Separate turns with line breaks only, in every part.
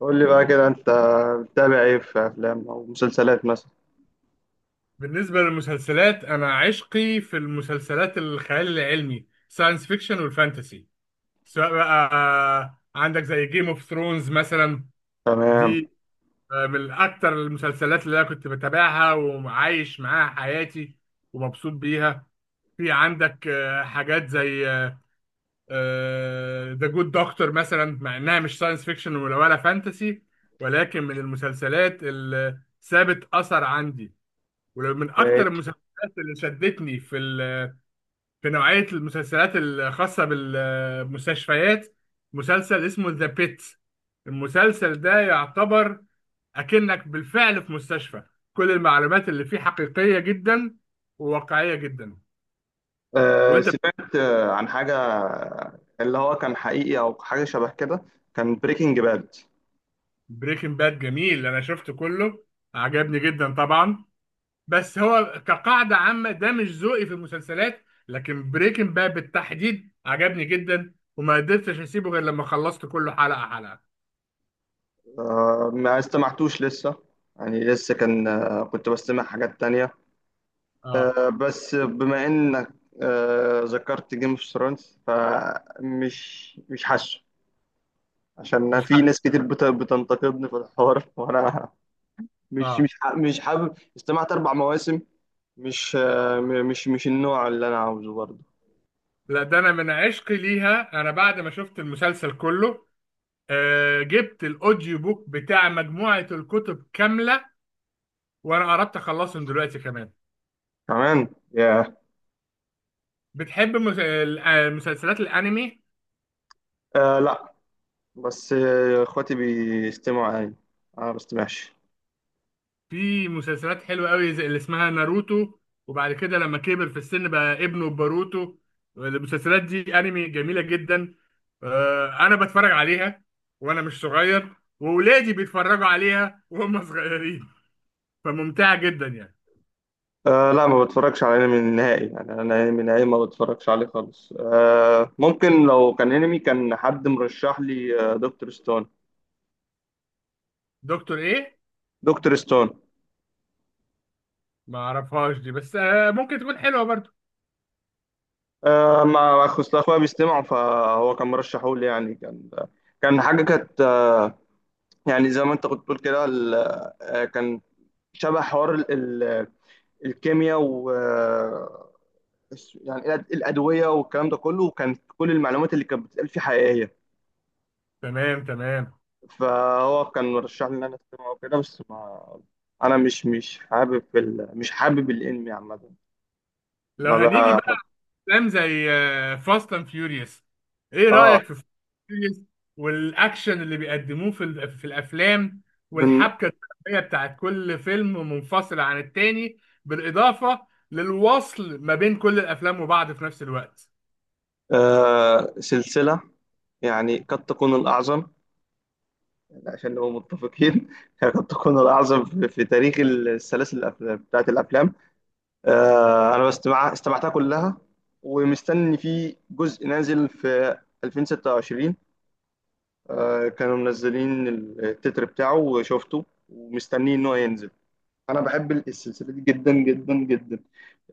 قول لي بقى كده انت بتتابع ايه في افلام او مسلسلات مثلا.
بالنسبة للمسلسلات، أنا عشقي في المسلسلات الخيال العلمي ساينس فيكشن والفانتسي، سواء بقى عندك زي جيم اوف ثرونز مثلا.
تمام.
دي من أكتر المسلسلات اللي أنا كنت بتابعها وعايش معاها حياتي ومبسوط بيها. في عندك حاجات زي ذا جود دكتور مثلا، مع إنها مش ساينس فيكشن ولا فانتسي، ولكن من المسلسلات اللي سابت أثر عندي، ومن اكتر
ماشي.
المسلسلات اللي شدتني في نوعيه المسلسلات الخاصه بالمستشفيات. مسلسل اسمه ذا بيت. المسلسل ده يعتبر اكنك بالفعل في مستشفى، كل المعلومات اللي فيه حقيقيه جدا وواقعيه جدا.
أه
وانت؟
سمعت عن حاجه اللي هو كان حقيقي او حاجه شبه كده. كان بريكنج باد.
بريكنج باد جميل، انا شفته كله، عجبني جدا طبعا. بس هو كقاعدة عامة ده مش ذوقي في المسلسلات، لكن بريكنج باد بالتحديد عجبني جدا وما قدرتش اسيبه غير لما خلصت كله حلقة حلقة.
أه ما استمعتوش لسه، يعني لسه كان، كنت بستمع حاجات تانية.
اه،
أه بس بما انك أه ذكرت جيم اوف ثرونز فمش مش حاسه، عشان
مش
في
حلقة.
ناس كتير بتنتقدني في الحوار وانا مش
اه.
مش ح- مش حابب استمعت اربع مواسم. مش آه،
آه.
م- مش مش النوع اللي انا عاوزه برضه.
لا، ده انا من عشقي ليها، انا بعد ما شفت المسلسل كله جبت الاوديو بوك بتاع مجموعة الكتب كاملة، وانا قربت اخلصهم دلوقتي كمان.
كمان ياه.
بتحب المسلسلات الانمي؟
آه لا. بس اخواتي بيستمعوا انمي، انا ما بستمعش.
في مسلسلات حلوة قوي زي اللي اسمها ناروتو، وبعد كده لما كبر في السن بقى ابنه باروتو. المسلسلات دي انمي جميلة جدا، انا بتفرج عليها وانا مش صغير، واولادي بيتفرجوا عليها وهم صغيرين، فممتعة جدا يعني.
آه لا، ما بتفرجش على انمي نهائي، يعني انا انمي نهائي ما بتفرجش عليه خالص. آه ممكن لو كان انمي كان حد مرشح لي آه دكتور ستون.
دكتور ايه؟
دكتور ستون.
ما اعرفهاش دي، بس ممكن تكون حلوة برضو.
آه ما اخص اخويا بيستمعوا فهو كان مرشحه لي، يعني كان، كان حاجه كانت آه، يعني زي ما انت كنت بتقول كده كان شبه حوار الكيمياء و، يعني الادويه والكلام ده كله، وكان كل المعلومات اللي كانت بتتقال فيه حقيقيه.
تمام، تمام.
فهو كان مرشح لي ان انا استمع وكده، بس ما انا مش حابب مش حابب الانمي عامه.
لو
ما
هنيجي
بقى.
افلام زي فاست اند فيوريوس، ايه
اه.
رايك في فاست اند فيوريوس والاكشن اللي بيقدموه في الافلام،
من
والحبكه الدراميه بتاعت كل فيلم منفصل عن التاني، بالاضافه للوصل ما بين كل الافلام وبعض في نفس الوقت؟
آه سلسله يعني قد تكون الاعظم، يعني عشان نبقى متفقين هي قد تكون الاعظم في تاريخ السلاسل بتاعت الافلام. انا استمعتها كلها ومستني في جزء نازل في 2026. كانوا منزلين التتر بتاعه وشفته ومستنيه ان هو ينزل. انا بحب السلسله دي جدا جدا جدا.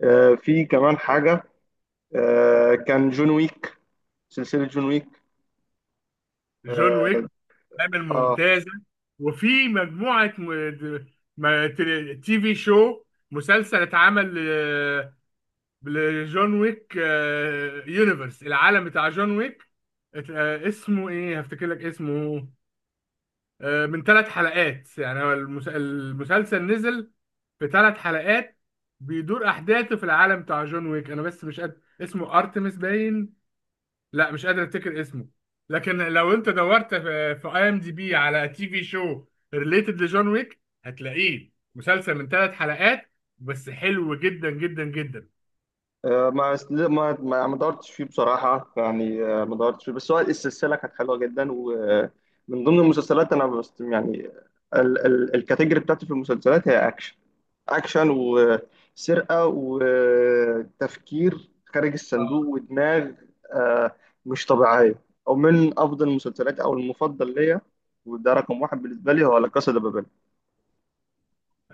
في كمان حاجه، كان جون ويك، سلسله جون ويك.
جون ويك عامل
آه،
ممتازه. وفي مجموعه م... د- ما... TV show، مسلسل اتعمل لجون ويك، يونيفرس العالم بتاع جون ويك. اسمه ايه، هفتكر لك اسمه. من ثلاث حلقات، يعني هو المسلسل نزل في ثلاث حلقات، بيدور احداثه في العالم بتاع جون ويك. انا بس مش قادر اسمه، ارتمس باين؟ لا، مش قادر افتكر اسمه. لكن لو انت دورت في IMDB على TV show ريليتد لجون ويك، هتلاقيه مسلسل من ثلاث حلقات بس، حلو جدا جدا جدا.
آه، ما ما دورتش فيه بصراحة، يعني ما دورتش فيه، بس هو السلسلة كانت حلوة جدا ومن ضمن المسلسلات أنا، بس يعني ال الكاتيجوري بتاعتي في المسلسلات هي أكشن، أكشن وسرقة وتفكير خارج الصندوق ودماغ آه، مش طبيعية، أو من أفضل المسلسلات أو المفضل ليا، وده رقم واحد بالنسبة لي، هو لا كاسا دي بابيل.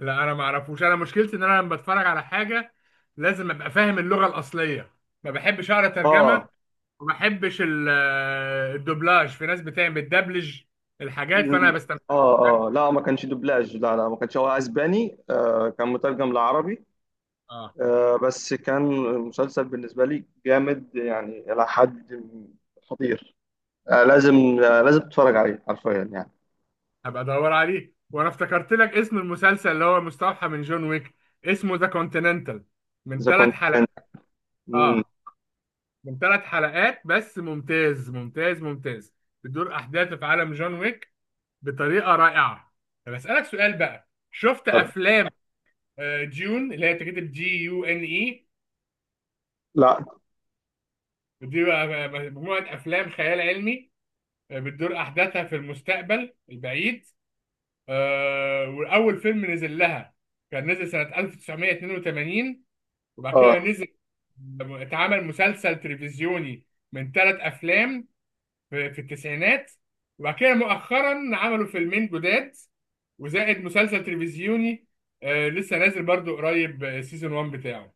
لا، انا ما اعرفوش. انا مشكلتي ان انا لما بتفرج على حاجه لازم ابقى فاهم اللغه الاصليه، ما بحبش اقرا ترجمه،
آه.
وما بحبش الدوبلاج. في ناس بتعمل بتدبلج الحاجات، فانا
ل-
بستمتع بالحاجات.
اه اه، لا ما كانش دوبلاج، لا لا ما كانش، هو اسباني آه كان مترجم لعربي.
اه.
آه بس كان مسلسل بالنسبة لي جامد يعني إلى حد خطير. آه لازم، آه لازم تتفرج عليه حرفيا يعني.
هبقى ادور عليه، وانا افتكرت لك اسم المسلسل اللي هو مستوحى من جون ويك، اسمه ذا كونتيننتال، من
إذا
ثلاث
كنت
حلقات.
مم.
اه، من ثلاث حلقات بس، ممتاز ممتاز ممتاز. بتدور احداثه في عالم جون ويك بطريقه رائعه. طب اسالك سؤال بقى، شفت
طب-
افلام جون، اللي هي بتتكتب Dune؟
لا.
دي بقى مجموعة أفلام خيال علمي، بتدور أحداثها في المستقبل البعيد. وأول فيلم نزل لها كان نزل سنة 1982، وبعد كده
اه.
نزل اتعمل مسلسل تلفزيوني من ثلاث أفلام في التسعينات. وبعد كده مؤخرا عملوا فيلمين جداد وزائد مسلسل تلفزيوني لسه نازل برضو قريب، سيزون 1 بتاعه.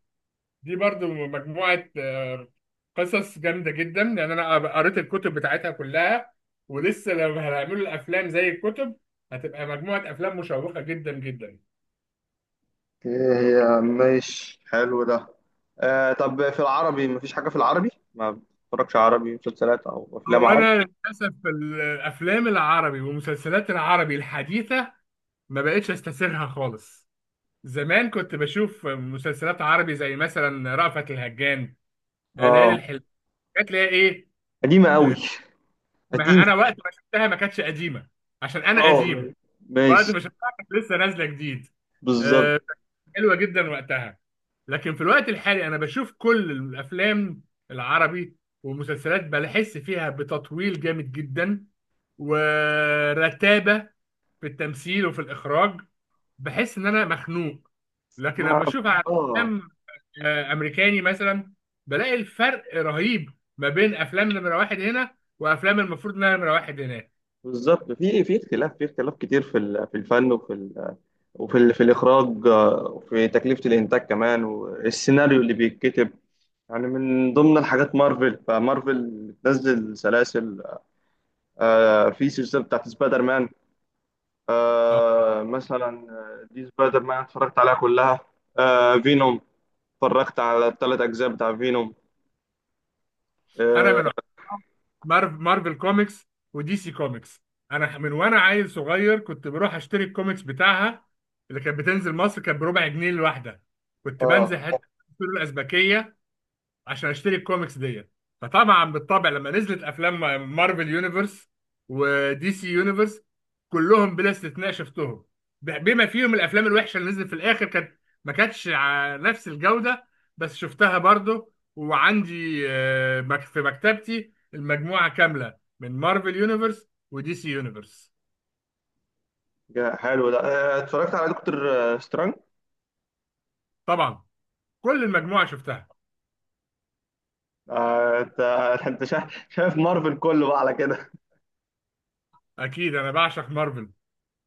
دي برضو مجموعة قصص جامدة جدا، يعني أنا قريت الكتب بتاعتها كلها، ولسه لو هنعملوا الأفلام زي الكتب، هتبقى مجموعة أفلام مشوقة جدا جدا.
أوكي، هي مش حلو ده. آه طب في العربي مفيش حاجة في العربي، ما بتتفرجش عربي، مسلسلات أو أفلام
هو
عربي؟
أنا للأسف الأفلام العربي والمسلسلات العربي الحديثة ما بقتش أستسيغها خالص. زمان كنت بشوف مسلسلات عربي زي مثلا رأفت الهجان، ليالي
اه.
الحلم، كانت ليها إيه.
قديمة قوي.
آه، ما
قديمة.
أنا وقت ما شفتها ما كانتش قديمة، عشان أنا
اه.
قديم. وقت
ماشي.
ما شفتها كانت لسه نازله جديد،
بالظبط.
آه، حلوه جدا وقتها. لكن في الوقت الحالي انا بشوف كل الافلام العربي والمسلسلات، بحس فيها بتطويل جامد جدا ورتابه في التمثيل وفي الاخراج، بحس ان انا مخنوق. لكن
ما
لما بشوف على
اه،
افلام امريكاني مثلا، بلاقي الفرق رهيب ما بين افلام نمره واحد هنا وافلام المفروض انها نمره واحد هناك.
بالظبط في في اختلاف، في اختلاف كتير في الفن في الاخراج، وفي تكلفه الانتاج كمان، والسيناريو اللي بيتكتب يعني. من ضمن الحاجات مارفل، فمارفل بتنزل سلاسل. آه في سلسله بتاعت سبايدر مان،
آه،
آه مثلا دي سبايدر مان اتفرجت عليها كلها. آه فينوم، اتفرجت على الثلاث اجزاء بتاع فينوم.
انا
اه.
من مارفل كوميكس ودي سي كوميكس. انا من وانا عيل صغير كنت بروح اشتري الكوميكس بتاعها، اللي كانت بتنزل مصر كانت بربع جنيه الواحده. كنت
آه،
بنزل حته الفول الازبكيه عشان اشتري الكوميكس ديت. فطبعا بالطبع لما نزلت افلام مارفل يونيفرس ودي سي يونيفرس، كلهم بلا استثناء شفتهم، بما فيهم الافلام الوحشه اللي نزلت في الاخر، كانت ما كانتش على نفس الجوده، بس شفتها برضو. وعندي في مكتبتي المجموعه كامله من مارفل يونيفرس ودي سي يونيفرس.
حلو ده. اتفرجت على دكتور سترانج.
طبعا، كل المجموعه شفتها.
انت انت شايف مارفل كله بقى على كده.
اكيد انا بعشق مارفل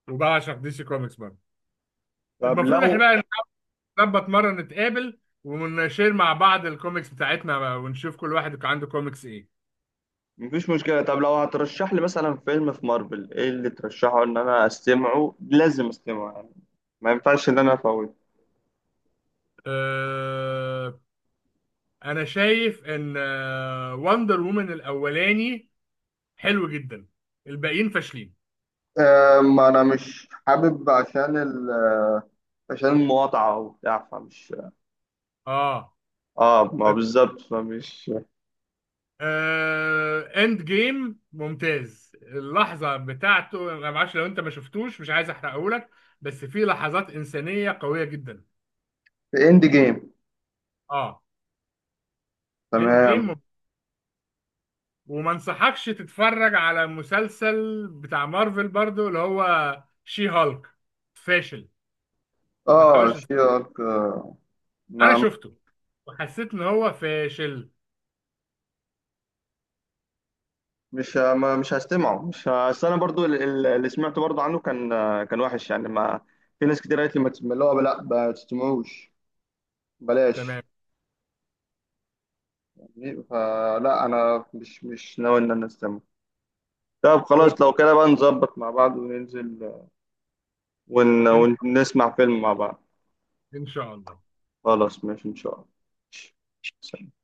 وبعشق دي سي كوميكس برضه.
طب
المفروض احنا
لو.
بقى نظبط مرة نتقابل ونشير مع بعض الكوميكس بتاعتنا، ونشوف كل واحد كان عنده كوميكس ايه.
مفيش مشكلة، طب لو هترشح لي مثلا فيلم في مارفل ايه اللي ترشحه ان انا استمعه، لازم استمعه يعني، ما ينفعش ان انا افوته.
أه، انا شايف ان وندر وومن الاولاني حلو جدا، الباقيين فاشلين.
ما انا مش حابب عشان ال آه، عشان المقاطعة وبتاع، فمش اه،
اه.
ما
طب
بالظبط فمش.
أه، اند جيم ممتاز، اللحظة بتاعته انا معرفش لو انت ما شفتوش، مش عايز احرقهولك، بس في لحظات انسانية قوية جدا.
في اند جيم.
اه، اند جيم.
تمام.
وما انصحكش تتفرج على مسلسل بتاع مارفل برضو اللي هو شي هالك، فاشل. ما
اه
تحاولش تت-
شيرك،
انا
ما
شفته وحسيت ان هو فاشل.
مش هستمعه، مش ه- أصل انا برضو اللي سمعته برضو عنه كان، كان وحش يعني. ما في ناس كتير قالت لي ما تسمع، اللي هو لا ما تسمعوش،
تمام.
بلاش. فلا انا مش ناوي ان انا استمع. طب خلاص
أوك.
لو كده بقى نظبط مع بعض وننزل
ان
ونسمع فيلم مع بعض.
إن شاء الله.
خلاص ماشي ان شاء الله. سلام.